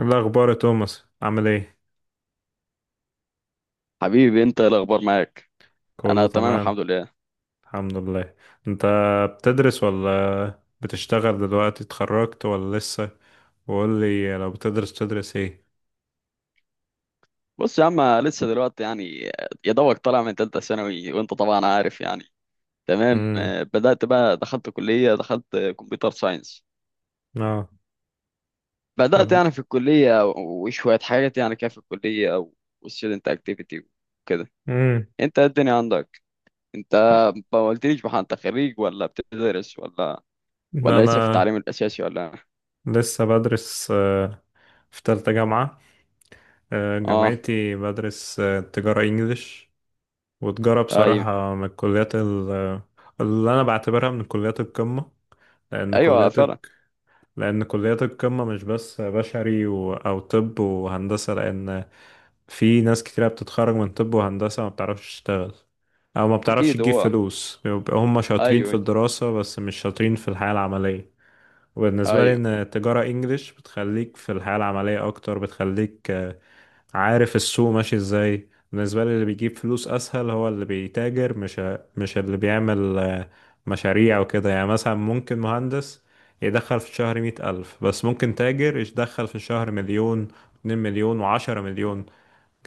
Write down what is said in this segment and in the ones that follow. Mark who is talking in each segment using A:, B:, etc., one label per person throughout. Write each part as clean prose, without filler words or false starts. A: إيه الأخبار يا توماس عامل ايه؟
B: حبيبي، انت ايه الاخبار معاك؟ انا
A: كله
B: تمام
A: تمام.
B: الحمد لله.
A: الحمد لله. انت بتدرس ولا بتشتغل دلوقتي، اتخرجت ولا لسه؟ وقول لي لو بتدرس تدرس ايه؟
B: بص يا عم، لسه دلوقتي يعني، يا دوبك طالع من تالتة ثانوي، وانت طبعا عارف يعني. تمام.
A: امم.
B: آه، بدأت بقى، دخلت كلية، دخلت كمبيوتر ساينس.
A: اه. طب.
B: بدأت يعني في الكلية، وشوية حاجات يعني كده في الكلية، والستودنت اكتيفيتي وكده.
A: امم.
B: انت إيه الدنيا عندك؟ انت ما قلتليش بقى، انت خريج ولا بتدرس ولا لسه في
A: انا
B: التعليم الاساسي ولا؟
A: لسه بدرس، في تالتة جامعة.
B: اه.
A: جامعتي بدرس تجارة انجليش. وتجارة
B: ايوه.
A: بصراحة من الكليات اللي انا بعتبرها من كليات القمة. لان
B: ايوه
A: كليات
B: فعلا.
A: لأن كليات القمة مش بس بشري و... أو طب وهندسة، لأن في ناس كتيرة بتتخرج من طب وهندسة ما بتعرفش تشتغل، أو ما بتعرفش
B: اكيد،
A: تجيب
B: هو
A: فلوس، بيبقى هم شاطرين في
B: ايوه.
A: الدراسة بس مش شاطرين في الحياة العملية. وبالنسبة لي،
B: ايوه
A: إن التجارة إنجليش بتخليك في الحياة العملية أكتر، بتخليك عارف السوق ماشي ازاي. بالنسبة لي اللي بيجيب فلوس أسهل هو اللي بيتاجر، مش اللي بيعمل مشاريع وكده. يعني مثلا ممكن مهندس يدخل في الشهر 100 ألف، بس ممكن تاجر يدخل في الشهر مليون، 2 مليون و10 مليون،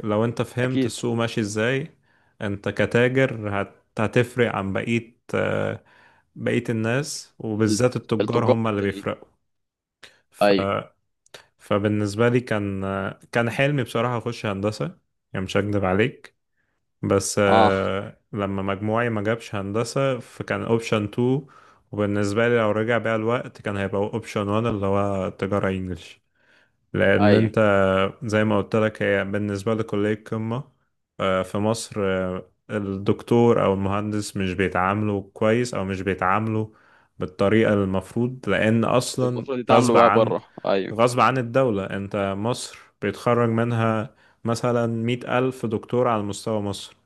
A: لو انت فهمت
B: اكيد.
A: السوق ماشي ازاي. انت كتاجر هتفرق عن بقية، بقية الناس،
B: ال-
A: وبالذات التجار
B: التجار
A: هم اللي
B: التانيين.
A: بيفرقوا.
B: ايوه.
A: فبالنسبة لي كان حلمي بصراحة أخش هندسة، يعني مش هكدب عليك. بس
B: اه.
A: لما مجموعي ما جابش هندسة فكان أوبشن 2. وبالنسبة لي لو رجع بيا الوقت كان هيبقى أوبشن 1، اللي هو تجارة إنجلش. لأن
B: ايوه،
A: أنت زي ما قلت لك، هي بالنسبة لكلية قمة. في مصر الدكتور أو المهندس مش بيتعاملوا كويس، أو مش بيتعاملوا بالطريقة المفروض، لأن
B: اللي
A: أصلا
B: المفروض يتعاملوا
A: غصب
B: بقى
A: عن
B: بره. ايوه.
A: غصب عن الدولة، انت مصر بيتخرج منها مثلا 100 ألف دكتور على مستوى مصر.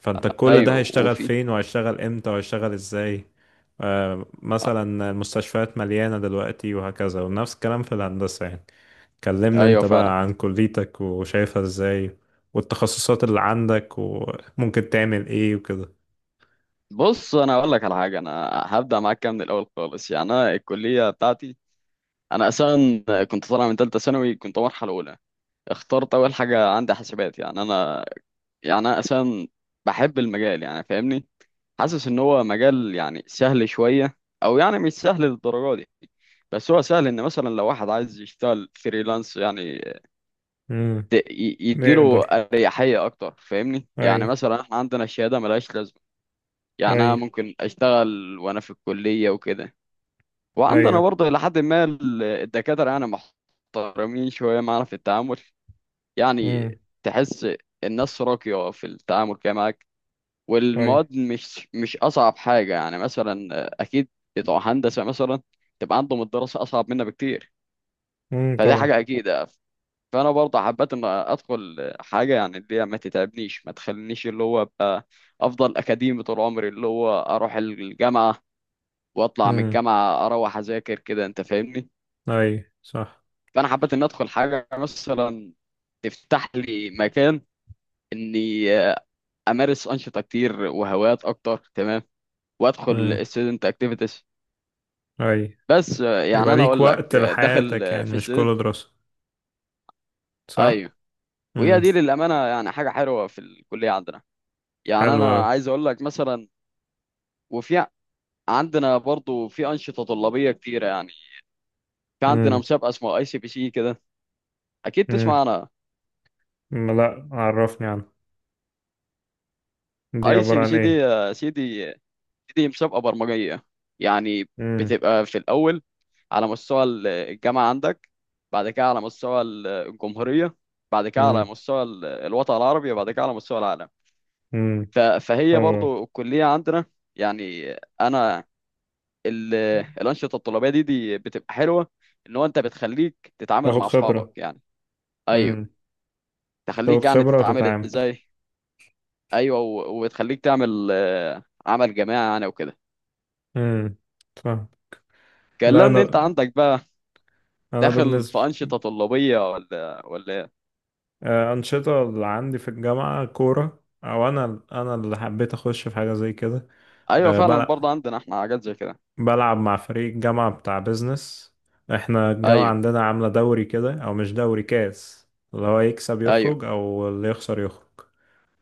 A: فانت كل ده
B: ايوه
A: هيشتغل
B: وفي.
A: فين وهيشتغل امتى وهيشتغل ازاي؟ مثلا المستشفيات مليانة دلوقتي، وهكذا، ونفس الكلام في الهندسة. يعني كلمني
B: ايوه
A: انت
B: فعلا.
A: بقى عن كليتك وشايفها ازاي، والتخصصات اللي عندك، وممكن تعمل ايه وكده.
B: بص، انا اقول لك على حاجه. انا هبدا معاك كده من الاول خالص. يعني انا الكليه بتاعتي، انا اصلا كنت طالع من ثالثه ثانوي، كنت مرحله اولى. اخترت اول حاجه عندي حاسبات. يعني انا يعني اصلا بحب المجال، يعني فاهمني. حاسس ان هو مجال يعني سهل شويه، او يعني مش سهل للدرجه دي. بس هو سهل ان مثلا لو واحد عايز يشتغل فريلانس يعني
A: امم.
B: يديله
A: نقدر.
B: اريحيه اكتر، فاهمني.
A: اي.
B: يعني مثلا احنا عندنا الشهاده ملهاش لازمه. يعني انا
A: اي.
B: ممكن اشتغل وانا في الكليه وكده. وعندنا
A: ايوه.
B: برضه لحد ما الدكاتره يعني محترمين شويه معانا في التعامل. يعني
A: امم.
B: تحس الناس راقيه في التعامل كده معاك.
A: اي.
B: والمواد مش اصعب حاجه. يعني مثلا اكيد بتوع هندسه مثلا تبقى عندهم الدراسه اصعب منا بكتير،
A: امم.
B: فدي
A: طبعا.
B: حاجه اكيد. فانا برضه حبيت ان ادخل حاجه يعني اللي هي ما تتعبنيش، ما تخلينيش اللي هو ابقى افضل اكاديمي طول عمري، اللي هو اروح الجامعه واطلع من
A: امم.
B: الجامعه اروح اذاكر كده، انت فاهمني.
A: اي. صح.
B: فانا حبيت ان ادخل حاجه مثلا تفتح لي مكان اني امارس انشطه كتير وهوايات اكتر. تمام. وادخل student activities.
A: اي.
B: بس
A: يبقى
B: يعني انا
A: ليك
B: اقول لك
A: وقت
B: داخل
A: لحياتك، يعني
B: في
A: مش كله
B: student.
A: دراسة، صح؟
B: ايوه. وهي
A: امم.
B: دي للامانه يعني حاجه حلوه في الكليه عندنا. يعني
A: حلو اوي.
B: انا عايز اقول لك مثلا، وفي عندنا برضو في أنشطة طلابية كتيرة يعني. في عندنا
A: امم.
B: مسابقة اسمها اي سي بي سي كده، أكيد
A: امم.
B: تسمع عنها.
A: لا، عرفني عنها، دي
B: اي سي
A: عبارة
B: بي
A: عن
B: سي دي
A: ايه؟
B: يا سيدي، دي مسابقة برمجية يعني.
A: امم.
B: بتبقى في الأول على مستوى الجامعة عندك، بعد كده على مستوى الجمهورية، بعد كده على
A: امم.
B: مستوى الوطن العربي، وبعد كده على مستوى العالم.
A: امم.
B: فهي
A: حلو أوي.
B: برضو الكلية عندنا. يعني أنا ال- الأنشطة الطلابية دي بتبقى حلوة. إن هو أنت بتخليك تتعامل
A: تاخد
B: مع أصحابك
A: خبرة.
B: يعني. أيوه.
A: امم. تاخد
B: تخليك يعني
A: خبرة
B: تتعامل
A: وتتعامل.
B: ازاي. ايوه. وتخليك تعمل عمل جماعي يعني وكده.
A: امم. فاهم. لا،
B: كلمني انت
A: انا
B: عندك بقى،
A: انا
B: داخل
A: بالنسبة،
B: في انشطه طلابيه ولا ايه؟
A: أنشطة اللي عندي في الجامعة كورة. او انا اللي حبيت اخش في حاجة زي كده.
B: ايوه
A: أه
B: فعلا برضه
A: بلعب،
B: عندنا احنا حاجات زي كده.
A: بلعب مع فريق الجامعة بتاع بيزنس. احنا الجامعة
B: ايوه.
A: عندنا عاملة دوري كده، او مش دوري، كاس، اللي هو يكسب
B: ايوه.
A: يخرج او اللي يخسر يخرج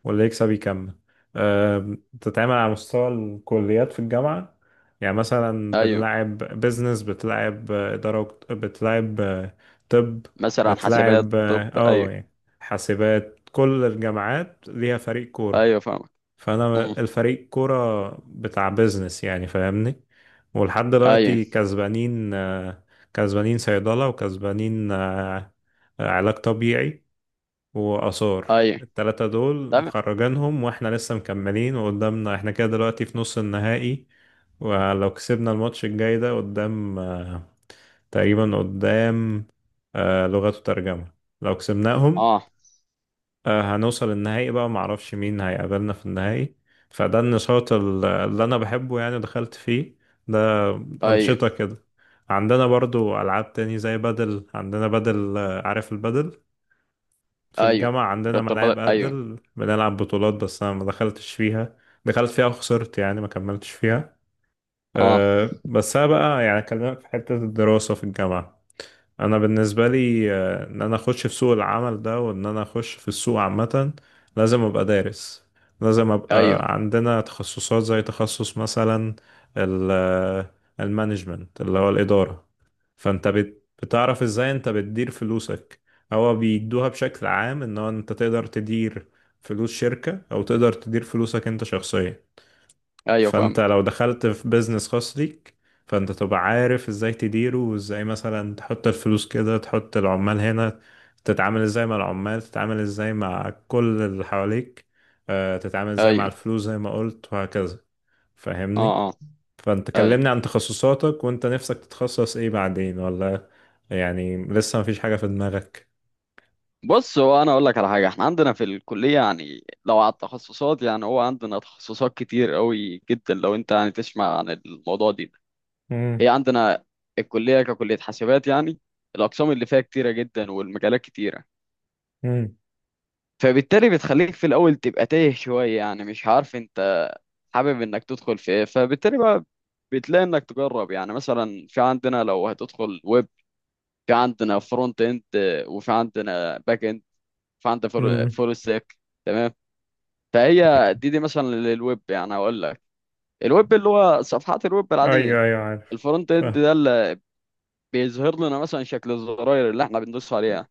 A: واللي يكسب يكمل. أه، بتتعمل على مستوى الكليات في الجامعة. يعني مثلا
B: ايوه
A: بنلعب بيزنس، بتلعب إدارة، بتلعب طب،
B: مثلا حاسبات.
A: بتلعب
B: طب ايوه.
A: يعني حاسبات. كل الجامعات ليها فريق كورة،
B: ايوه فاهمك.
A: فانا
B: امم.
A: الفريق كوره بتاع بيزنس، يعني فاهمني. ولحد
B: ايوه.
A: دلوقتي كسبانين، كسبانين صيدله وكسبانين علاج طبيعي واثار.
B: ايوه
A: التلاتة دول
B: تمام.
A: مخرجانهم، واحنا لسه مكملين، وقدامنا احنا كده دلوقتي في نص النهائي. ولو كسبنا الماتش الجاي ده قدام، تقريبا قدام لغات وترجمة، لو كسبناهم
B: اه.
A: هنوصل النهائي بقى. معرفش مين هيقابلنا في النهائي. فده النشاط اللي انا بحبه، يعني دخلت فيه. ده
B: ايوه.
A: انشطة كده. عندنا برضو العاب تاني، زي بدل. عندنا بدل، عارف البدل، في
B: ايوه
A: الجامعة عندنا
B: رياضة
A: ملاعب
B: البدن ايوه.
A: بدل، بنلعب بطولات، بس انا ما دخلتش فيها. دخلت فيها وخسرت، يعني ما كملتش فيها.
B: اه.
A: أه بس انا بقى يعني اكلمك في حتة الدراسة في الجامعة. انا بالنسبه لي ان انا اخش في سوق العمل ده، وان انا اخش في السوق عامه، لازم ابقى دارس. لازم ابقى
B: ايوه.
A: عندنا تخصصات، زي تخصص مثلا ال- آه، المانجمنت، اللي هو الاداره. فانت بتعرف ازاي انت بتدير فلوسك. هو بيدوها بشكل عام ان هو انت تقدر تدير فلوس شركه، او تقدر تدير فلوسك انت شخصيا.
B: ايوه
A: فانت
B: فاهمك.
A: لو دخلت في بيزنس خاص ليك، فانت تبقى عارف ازاي تديره، وازاي مثلا تحط الفلوس كده، تحط العمال هنا، تتعامل ازاي مع العمال، تتعامل ازاي مع كل اللي حواليك، تتعامل ازاي مع
B: ايوه.
A: الفلوس زي ما قلت، وهكذا. فاهمني.
B: اه اه.
A: فانت
B: ايوه.
A: كلمني عن تخصصاتك، وانت نفسك تتخصص ايه بعدين، ولا يعني لسه مفيش حاجة في دماغك؟
B: بص، هو انا اقول لك على حاجه، احنا عندنا في الكليه يعني، لو على التخصصات يعني، هو عندنا تخصصات كتير قوي جدا، لو انت يعني تسمع عن الموضوع دي.
A: امم.
B: هي عندنا الكليه ككليه حاسبات يعني، الاقسام اللي فيها كتيره جدا، والمجالات كتيره.
A: امم.
B: فبالتالي بتخليك في الاول تبقى تايه شويه، يعني مش عارف انت حابب انك تدخل في ايه. فبالتالي بقى بتلاقي انك تجرب. يعني مثلا في عندنا، لو هتدخل ويب، في عندنا فرونت اند، وفي عندنا باك اند، في عندنا
A: امم.
B: فول ستاك. تمام. فهي دي مثلا للويب يعني. اقول لك، الويب اللي هو صفحات الويب
A: ايوه،
B: العاديه،
A: ايوه، عارف.
B: الفرونت اند
A: فاهم.
B: ده اللي بيظهر لنا مثلا شكل الزراير اللي احنا بندوس عليها.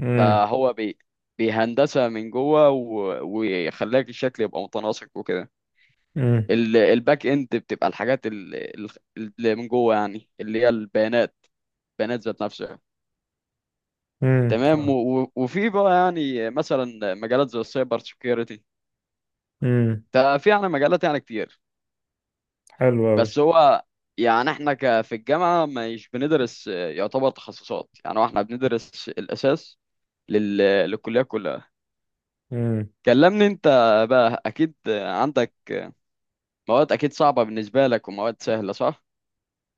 A: امم.
B: فهو بيهندسها من جوه، و... ويخليك الشكل يبقى متناسق وكده.
A: امم.
B: ال... الباك اند بتبقى الحاجات اللي من جوه، يعني اللي هي البيانات، البيانات ذات نفسها.
A: امم.
B: تمام. و...
A: فاهم.
B: وفي بقى يعني مثلا مجالات زي السايبر سكيورتي.
A: امم.
B: ففي يعني مجالات يعني كتير.
A: حلو
B: بس هو يعني احنا ك في الجامعة مش بندرس يعتبر تخصصات. يعني هو احنا بندرس الأساس لل... للكلية كلها.
A: قوي.
B: كلمني انت بقى، اكيد عندك مواد اكيد صعبة بالنسبة لك ومواد سهلة، صح؟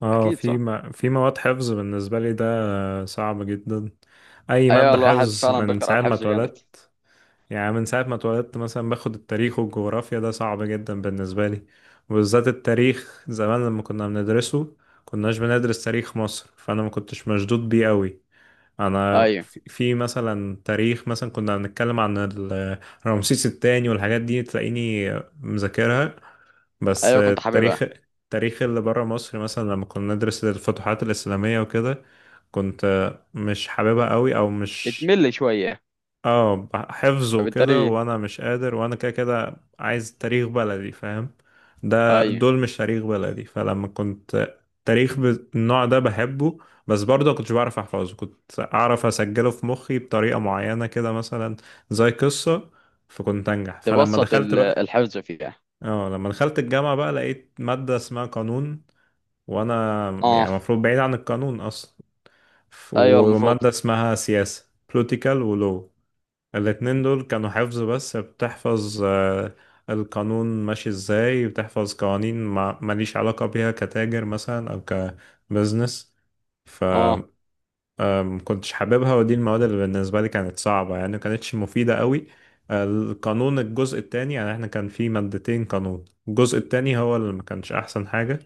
A: اه،
B: اكيد صح؟
A: في مواد حفظ بالنسبة لي، ده صعب جدا. أي
B: ايوه
A: مادة
B: الواحد
A: حفظ
B: فعلا
A: من
B: بيقرأ
A: ساعة ما
B: الحفظ جامد.
A: اتولدت. يعني من ساعة ما اتولدت، مثلا باخد التاريخ والجغرافيا، ده صعب جدا بالنسبة لي. وبالذات التاريخ زمان لما كنا بندرسه، كناش بندرس تاريخ مصر، فأنا ما كنتش مشدود بيه قوي. أنا
B: ايوه.
A: في مثلا تاريخ، مثلا كنا بنتكلم عن رمسيس التاني والحاجات دي، تلاقيني مذاكرها. بس
B: ايوه كنت
A: التاريخ
B: حاببها.
A: التاريخ اللي بره مصر، مثلا لما كنا ندرس الفتوحات الإسلامية وكده، كنت مش حاببها قوي، او مش.
B: بتمل شوية.
A: اه، حفظه وكده
B: فبالتالي
A: وانا مش قادر، وانا كده كده عايز تاريخ بلدي، فاهم. ده
B: ايوه،
A: دول مش تاريخ بلدي. فلما كنت تاريخ بالنوع ده بحبه، بس برضه كنتش بعرف احفظه. كنت اعرف اسجله في مخي بطريقة معينة كده، مثلا زي قصة، فكنت انجح. فلما
B: تبسط
A: دخلت بقى،
B: الحفظ فيها.
A: اه لما دخلت الجامعة بقى، لقيت مادة اسمها قانون، وانا يعني
B: اه.
A: المفروض بعيد عن القانون اصلا.
B: ايوه المفروض.
A: ومادة اسمها سياسة، political، ولو الاتنين دول كانوا حفظ، بس بتحفظ القانون ماشي ازاي، بتحفظ قوانين ماليش علاقة بيها كتاجر مثلا، او كبزنس.
B: اه.
A: ما كنتش حاببها، ودي المواد اللي بالنسبة لي كانت صعبة، يعني ما كانتش مفيدة قوي. القانون الجزء التاني، يعني احنا كان في مادتين قانون، الجزء التاني هو اللي ما كانش أحسن حاجة.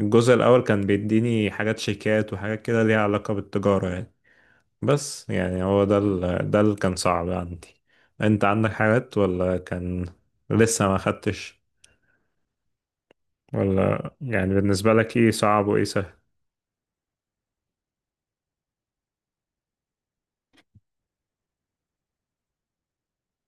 A: الجزء الأول كان بيديني حاجات شيكات وحاجات كده ليها علاقة بالتجارة يعني. بس يعني هو ده ده اللي كان صعب عندي. انت عندك حاجات، ولا كان لسه ما خدتش، ولا يعني بالنسبة لك ايه صعب وايه